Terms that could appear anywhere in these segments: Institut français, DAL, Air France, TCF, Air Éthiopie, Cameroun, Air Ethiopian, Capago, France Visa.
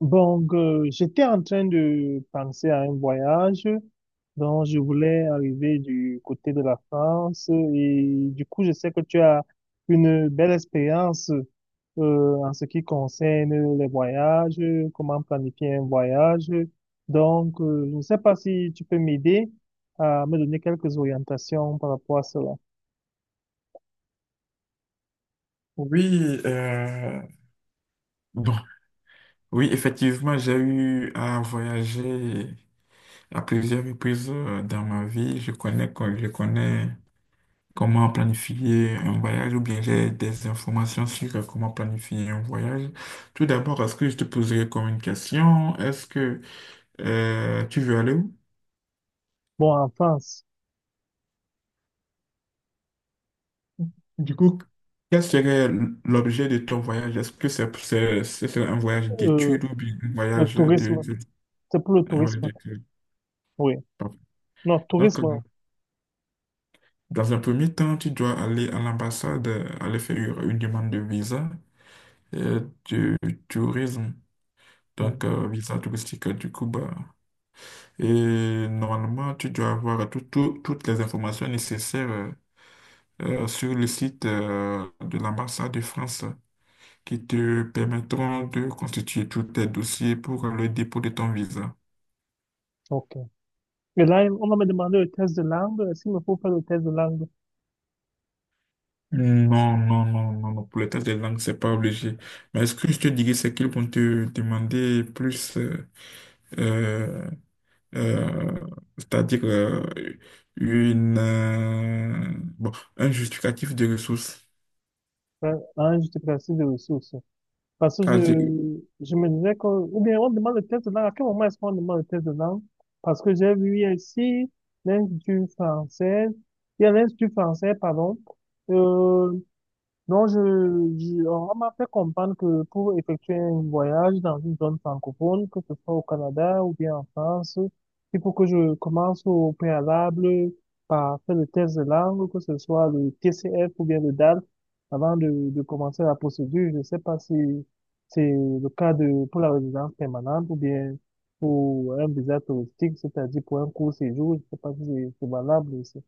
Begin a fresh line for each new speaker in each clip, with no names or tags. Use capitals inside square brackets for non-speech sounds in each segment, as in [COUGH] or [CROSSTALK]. J'étais en train de penser à un voyage dont je voulais arriver du côté de la France, et du coup, je sais que tu as une belle expérience en ce qui concerne les voyages, comment planifier un voyage. Je ne sais pas si tu peux m'aider à me donner quelques orientations par rapport à cela.
Oui, bon, oui, effectivement, j'ai eu à voyager à plusieurs reprises dans ma vie. Je connais comment planifier un voyage ou bien j'ai des informations sur comment planifier un voyage. Tout d'abord, est-ce que je te poserai comme une question? Est-ce que tu veux aller où?
Bon, en France,
Du coup, quel serait l'objet de ton voyage? Est-ce que c'est un voyage
euh,
d'études ou bien
le tourisme,
de-
c'est pour le
un voyage
tourisme.
d'études?
Oui.
Pardon.
Non,
Donc,
tourisme.
dans un premier temps, tu dois aller à l'ambassade, aller faire une demande de visa du tourisme,
Hmm.
donc visa touristique du Cuba. Et normalement, tu dois avoir toutes les informations nécessaires sur le site de l'ambassade de France qui te permettront de constituer tous tes dossiers pour le dépôt de ton visa.
Ok. Et là, on va me demander le test de langue. Est-ce qu'il me faut faire le test de langue?
Non, non, non, non, non, pour le test des langues, c'est pas obligé. Mais ce que je te dirais, c'est qu'ils vont te demander plus. Euh, euh, C'est-à-dire une, euh, bon, un justificatif de ressources.
Ah hein, j'étais placé de ressources. Parce que je me disais que, ou bien on demande le test de langue. À quel moment est-ce qu'on demande le test de langue? Parce que j'ai vu ici l'Institut français, il y a l'Institut français, pardon, e, donc je, on m'a fait comprendre que pour effectuer un voyage dans une zone francophone, que ce soit au Canada ou bien en France, il faut que je commence au préalable par faire le test de langue, que ce soit le TCF ou bien le DAL, avant de commencer la procédure. Je ne sais pas si c'est le cas de, pour la résidence permanente ou bien pour un visa touristique, c'est-à-dire pour un court séjour. Je ne sais pas si c'est valable aussi.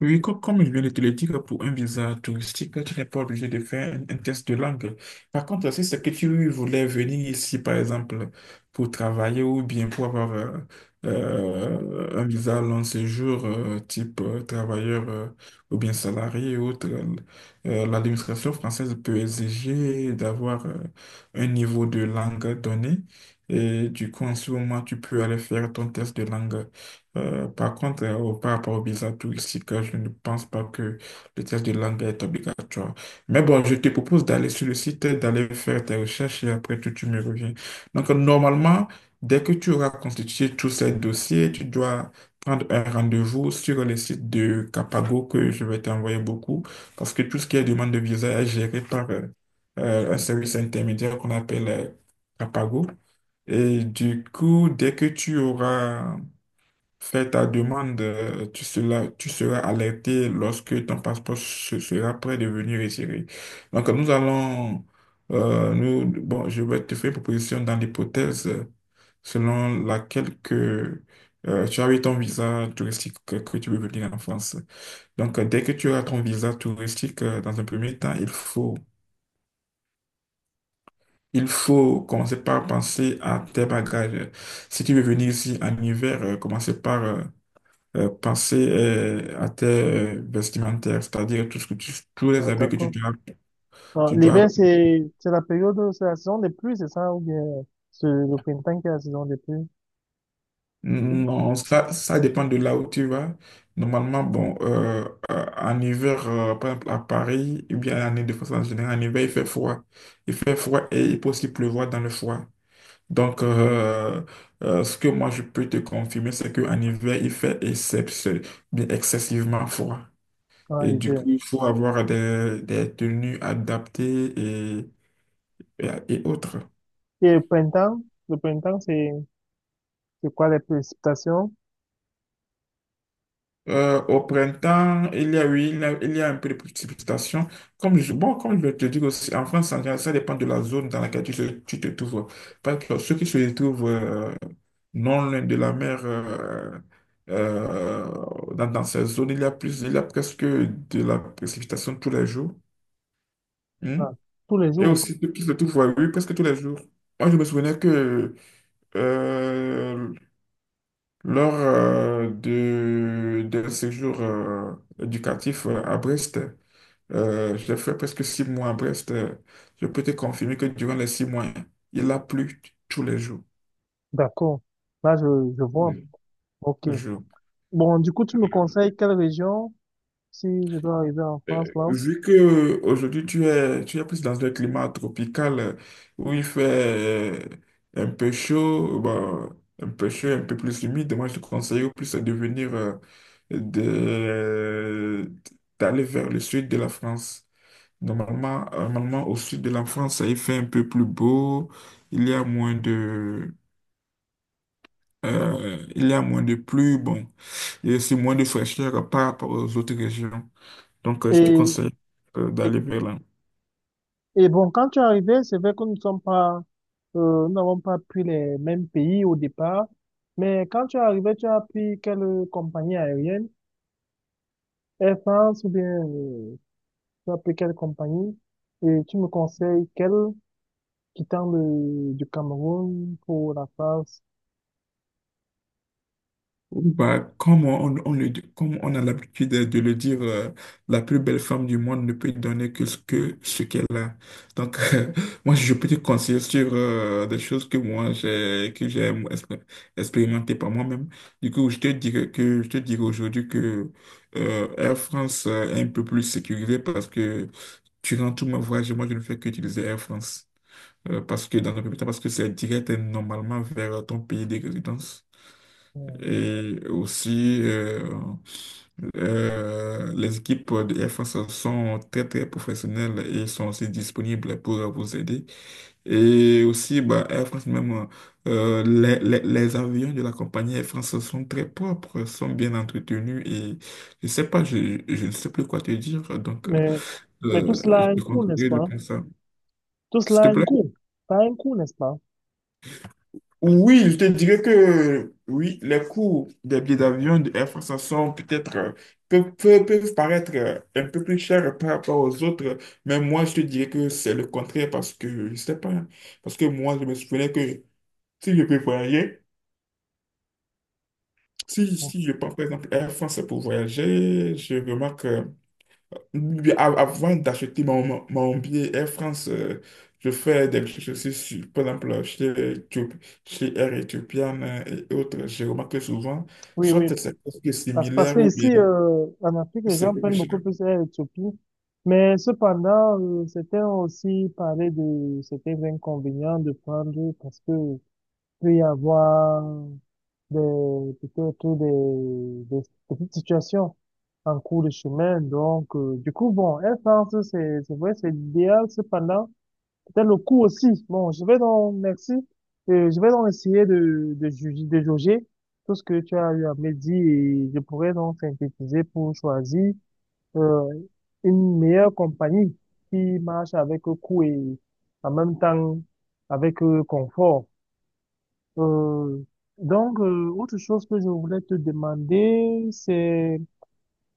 Oui, comme je viens de te le dire, pour un visa touristique, tu n'es pas obligé de faire un test de langue. Par contre, si c'est que tu voulais venir ici, par exemple, pour travailler ou bien pour avoir un visa long séjour, type travailleur ou bien salarié ou autre, l'administration française peut exiger d'avoir un niveau de langue donné. Et du coup, en ce moment, tu peux aller faire ton test de langue. Par contre, par rapport au visa touristique, je ne pense pas que le test de langue est obligatoire. Mais bon, je te propose d'aller sur le site, d'aller faire tes recherches et après tout, tu me reviens. Donc, normalement, dès que tu auras constitué tous ces dossiers, tu dois prendre un rendez-vous sur le site de Capago que je vais t'envoyer beaucoup parce que tout ce qui est demande de visa est géré par un service intermédiaire qu'on appelle Capago. Et du coup, dès que tu auras fais ta demande, tu seras alerté lorsque ton passeport sera prêt de venir retirer. Donc, nous allons, nous, bon, je vais te faire une proposition dans l'hypothèse selon laquelle que, tu as eu ton visa touristique que tu veux venir en France. Donc, dès que tu as ton visa touristique, dans un premier temps, il faut commencer par penser à tes bagages. Si tu veux venir ici en hiver, commencez par penser à tes vestimentaires, c'est-à-dire tout ce que tu- tous les
Ah,
habits que tu
d'accord.
dois,
Ah,
tu dois.
l'hiver, c'est la période, c'est la saison des pluies, c'est ça? Ou bien c'est le printemps qui est la saison des pluies?
Non, ça dépend de là où tu vas. Normalement, bon, en hiver, par exemple à Paris, ou bien en Île-de-France en général, en hiver, il fait froid. Il fait froid et il peut aussi pleuvoir dans le froid. Donc, ce que moi je peux te confirmer, c'est qu'en hiver, il fait bien excessivement froid.
Ah,
Et du coup,
hiver.
il faut avoir des tenues adaptées et autres.
Et le printemps, c'est quoi les précipitations?
Au printemps, il y a, oui, il y a un peu de précipitation. Bon, comme je te dire aussi, en France, en général, ça dépend de la zone dans laquelle tu te trouves. Parce que ceux qui se trouvent non loin de la mer, dans ces zones, il y a presque de la précipitation tous les jours. Hmm.
Ah, tous les
Et
jours.
aussi, ceux qui se trouvent, oui, presque tous les jours. Moi, je me souvenais que euh, lors d'un séjour éducatif à Brest, j'ai fait presque 6 mois à Brest. Je peux te confirmer que durant les 6 mois, il a plu tous les jours.
D'accord. Là, je vois.
Mm.
OK.
Le jour.
Bon, du coup, tu me conseilles quelle région si je dois arriver en France,
Euh,
là?
Vu que aujourd'hui tu es plus dans un climat tropical où il fait un peu chaud, bon, un peu plus humide, moi je te conseille au plus de venir de- d'aller vers le sud de la France. Normalement, au sud de la France, il fait un peu plus beau. Il y a moins de, il y a moins de pluie. Bon, il y a aussi moins de fraîcheur par rapport aux autres régions. Donc, je te
Et,
conseille,
et,
d'aller vers là.
et bon, quand tu es arrivé, c'est vrai que nous ne sommes pas, nous n'avons pas pris les mêmes pays au départ. Mais quand tu es arrivé, tu as pris quelle compagnie aérienne? Air France ou bien tu as pris quelle compagnie et tu me conseilles quelle quittant du Cameroun pour la France.
Bah, comme on a l'habitude de le dire, la plus belle femme du monde ne peut donner que ce qu'elle a. Donc, [LAUGHS] moi, je peux te conseiller sur des choses que j'ai expérimenté par moi-même. Du coup, je te dirais aujourd'hui que Air France est un peu plus sécurisé parce que durant tout mon voyage, moi, je ne fais qu'utiliser Air France. Parce que dans un premier temps, parce que c'est direct et normalement vers ton pays de résidence.
euh,
Et aussi, les équipes de Air France sont très, très professionnelles et sont aussi disponibles pour vous aider. Et aussi, bah, Air France même, les avions de la compagnie Air France sont très propres, sont bien entretenus et je sais pas, je ne sais plus quoi te dire, donc
Mais, mais tout cela
je
a un
te
coût, n'est-ce
conseille de
pas?
penser, ça.
Tout
S'il
cela
te
a un
plaît.
coût. Ça a un coût, n'est-ce pas?
Oui, je te dirais que oui, les coûts des billets d'avion de Air France sont peut-être peuvent paraître un peu plus chers par rapport aux autres, mais moi je te dirais que c'est le contraire parce que je sais pas, parce que moi je me souvenais que si je peux voyager, si je prends par exemple Air France pour voyager, je remarque oui, avant d'acheter mon billet Air France, je fais des recherches aussi sur, par exemple, Éthio- chez Air Ethiopian et autres. Je remarque que souvent,
Oui,
soit
oui.
c'est presque
Parce, parce
similaire
que
ou
ici,
bien
en Afrique, les
c'est
gens
quelque
prennent beaucoup
chose.
plus Air Éthiopie. Mais cependant, certains ont aussi parlé de certains inconvénients de prendre parce que peut y avoir des, peut-être des petites situations en cours de chemin. Du coup, bon, Air France, c'est vrai, c'est l'idéal. Cependant, peut-être le coût aussi. Bon, je vais donc, merci. Je vais donc essayer de juger, de jauger tout ce que tu as eu à me dire et je pourrais donc synthétiser pour choisir, euh, une meilleure compagnie qui marche avec coût et en même temps avec confort. Euh, Autre chose que je voulais te demander, c'est,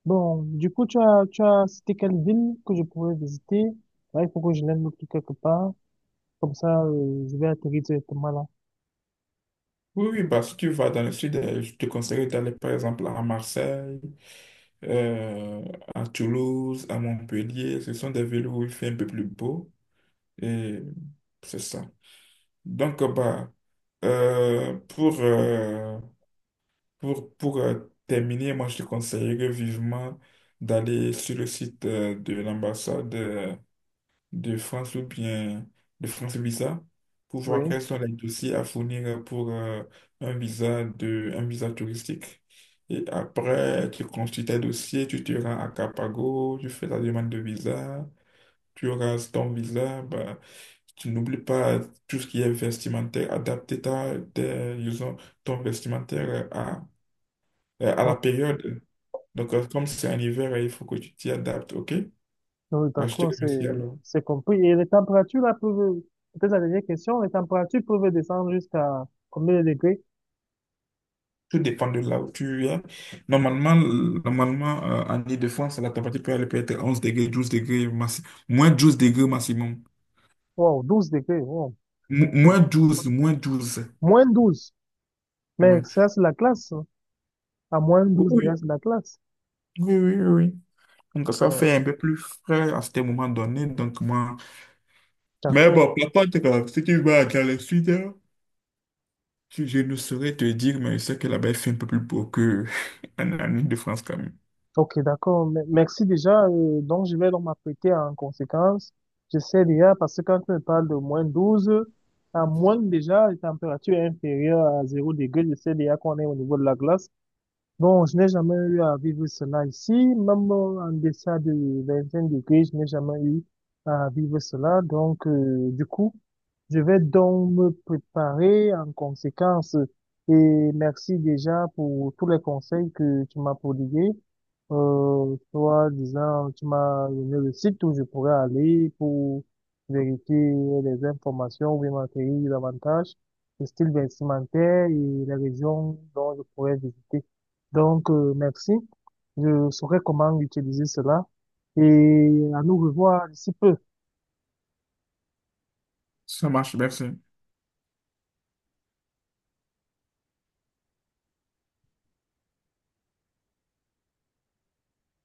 bon, du coup, tu as cité quelle ville que je pourrais visiter? Ouais, il faut que je l'aime noter quelque part. Comme ça, je vais atterrir directement là.
Oui, oui, bah, si tu vas dans le sud, je te conseille d'aller par exemple à Marseille, euh, à Toulouse, à Montpellier. Ce sont des villes où il fait un peu plus beau et c'est ça. Donc, bah, euh, pour. euh, pour terminer, moi, je te conseillerais vivement d'aller sur le site de l'ambassade de France ou bien de France Visa pour voir
Oui.
quels sont les dossiers à fournir pour un visa touristique. Et après, tu construis tes dossiers, tu te rends à Capago, tu fais ta demande de visa, tu auras ton visa. Bah, tu n'oublies pas tout ce qui est vestimentaire, adapter disons, ton vestimentaire à, la
Donc,
période. Donc, comme c'est un hiver, il faut que tu t'y adaptes, ok? Bah, je te
d'accord,
remercie alors.
c'est compris. Et les températures, là, peut-être la dernière question, les températures peuvent descendre jusqu'à combien de degrés?
Tout dépend de là où tu es. Normalement, normalement en Île-de-France, la température peut aller peut-être 11 degrés, 12 degrés, -12 degrés maximum.
Wow, 12 degrés, wow. Écoute,
Moins douze.
moins douze. Mais
Ouais.
ça, c'est la classe, hein. À moins douze
Oui,
degrés, c'est la classe.
oui, oui, oui. Oui. Donc, ça
Euh,
fait un peu plus frais à ce moment donné. Donc, moi. Mais
d'accord.
bon, par contre, si tu vas dans le sud, hein, je ne saurais te dire, mais je sais que là-bas, il fait un peu plus beau que [LAUGHS] en Île-de-France quand même.
Ok, d'accord. Merci déjà. Donc, je vais donc m'apprêter en conséquence. Je sais déjà, parce que quand tu me parles de moins 12, à moins déjà, la température est inférieure à zéro degré. Je sais déjà qu'on est au niveau de la glace. Bon, je n'ai jamais eu à vivre cela ici, même en deçà de 25 degrés, je n'ai jamais eu à vivre cela. Du coup, je vais donc me préparer en conséquence. Et merci déjà pour tous les conseils que tu m'as prodigués. Toi, disant, tu m'as donné le site où je pourrais aller pour vérifier les informations ou bien m'acquérir davantage, le style vestimentaire et les régions dont je pourrais donc, merci. Je saurai comment utiliser cela et à nous revoir d'ici peu.
Ça marche, merci.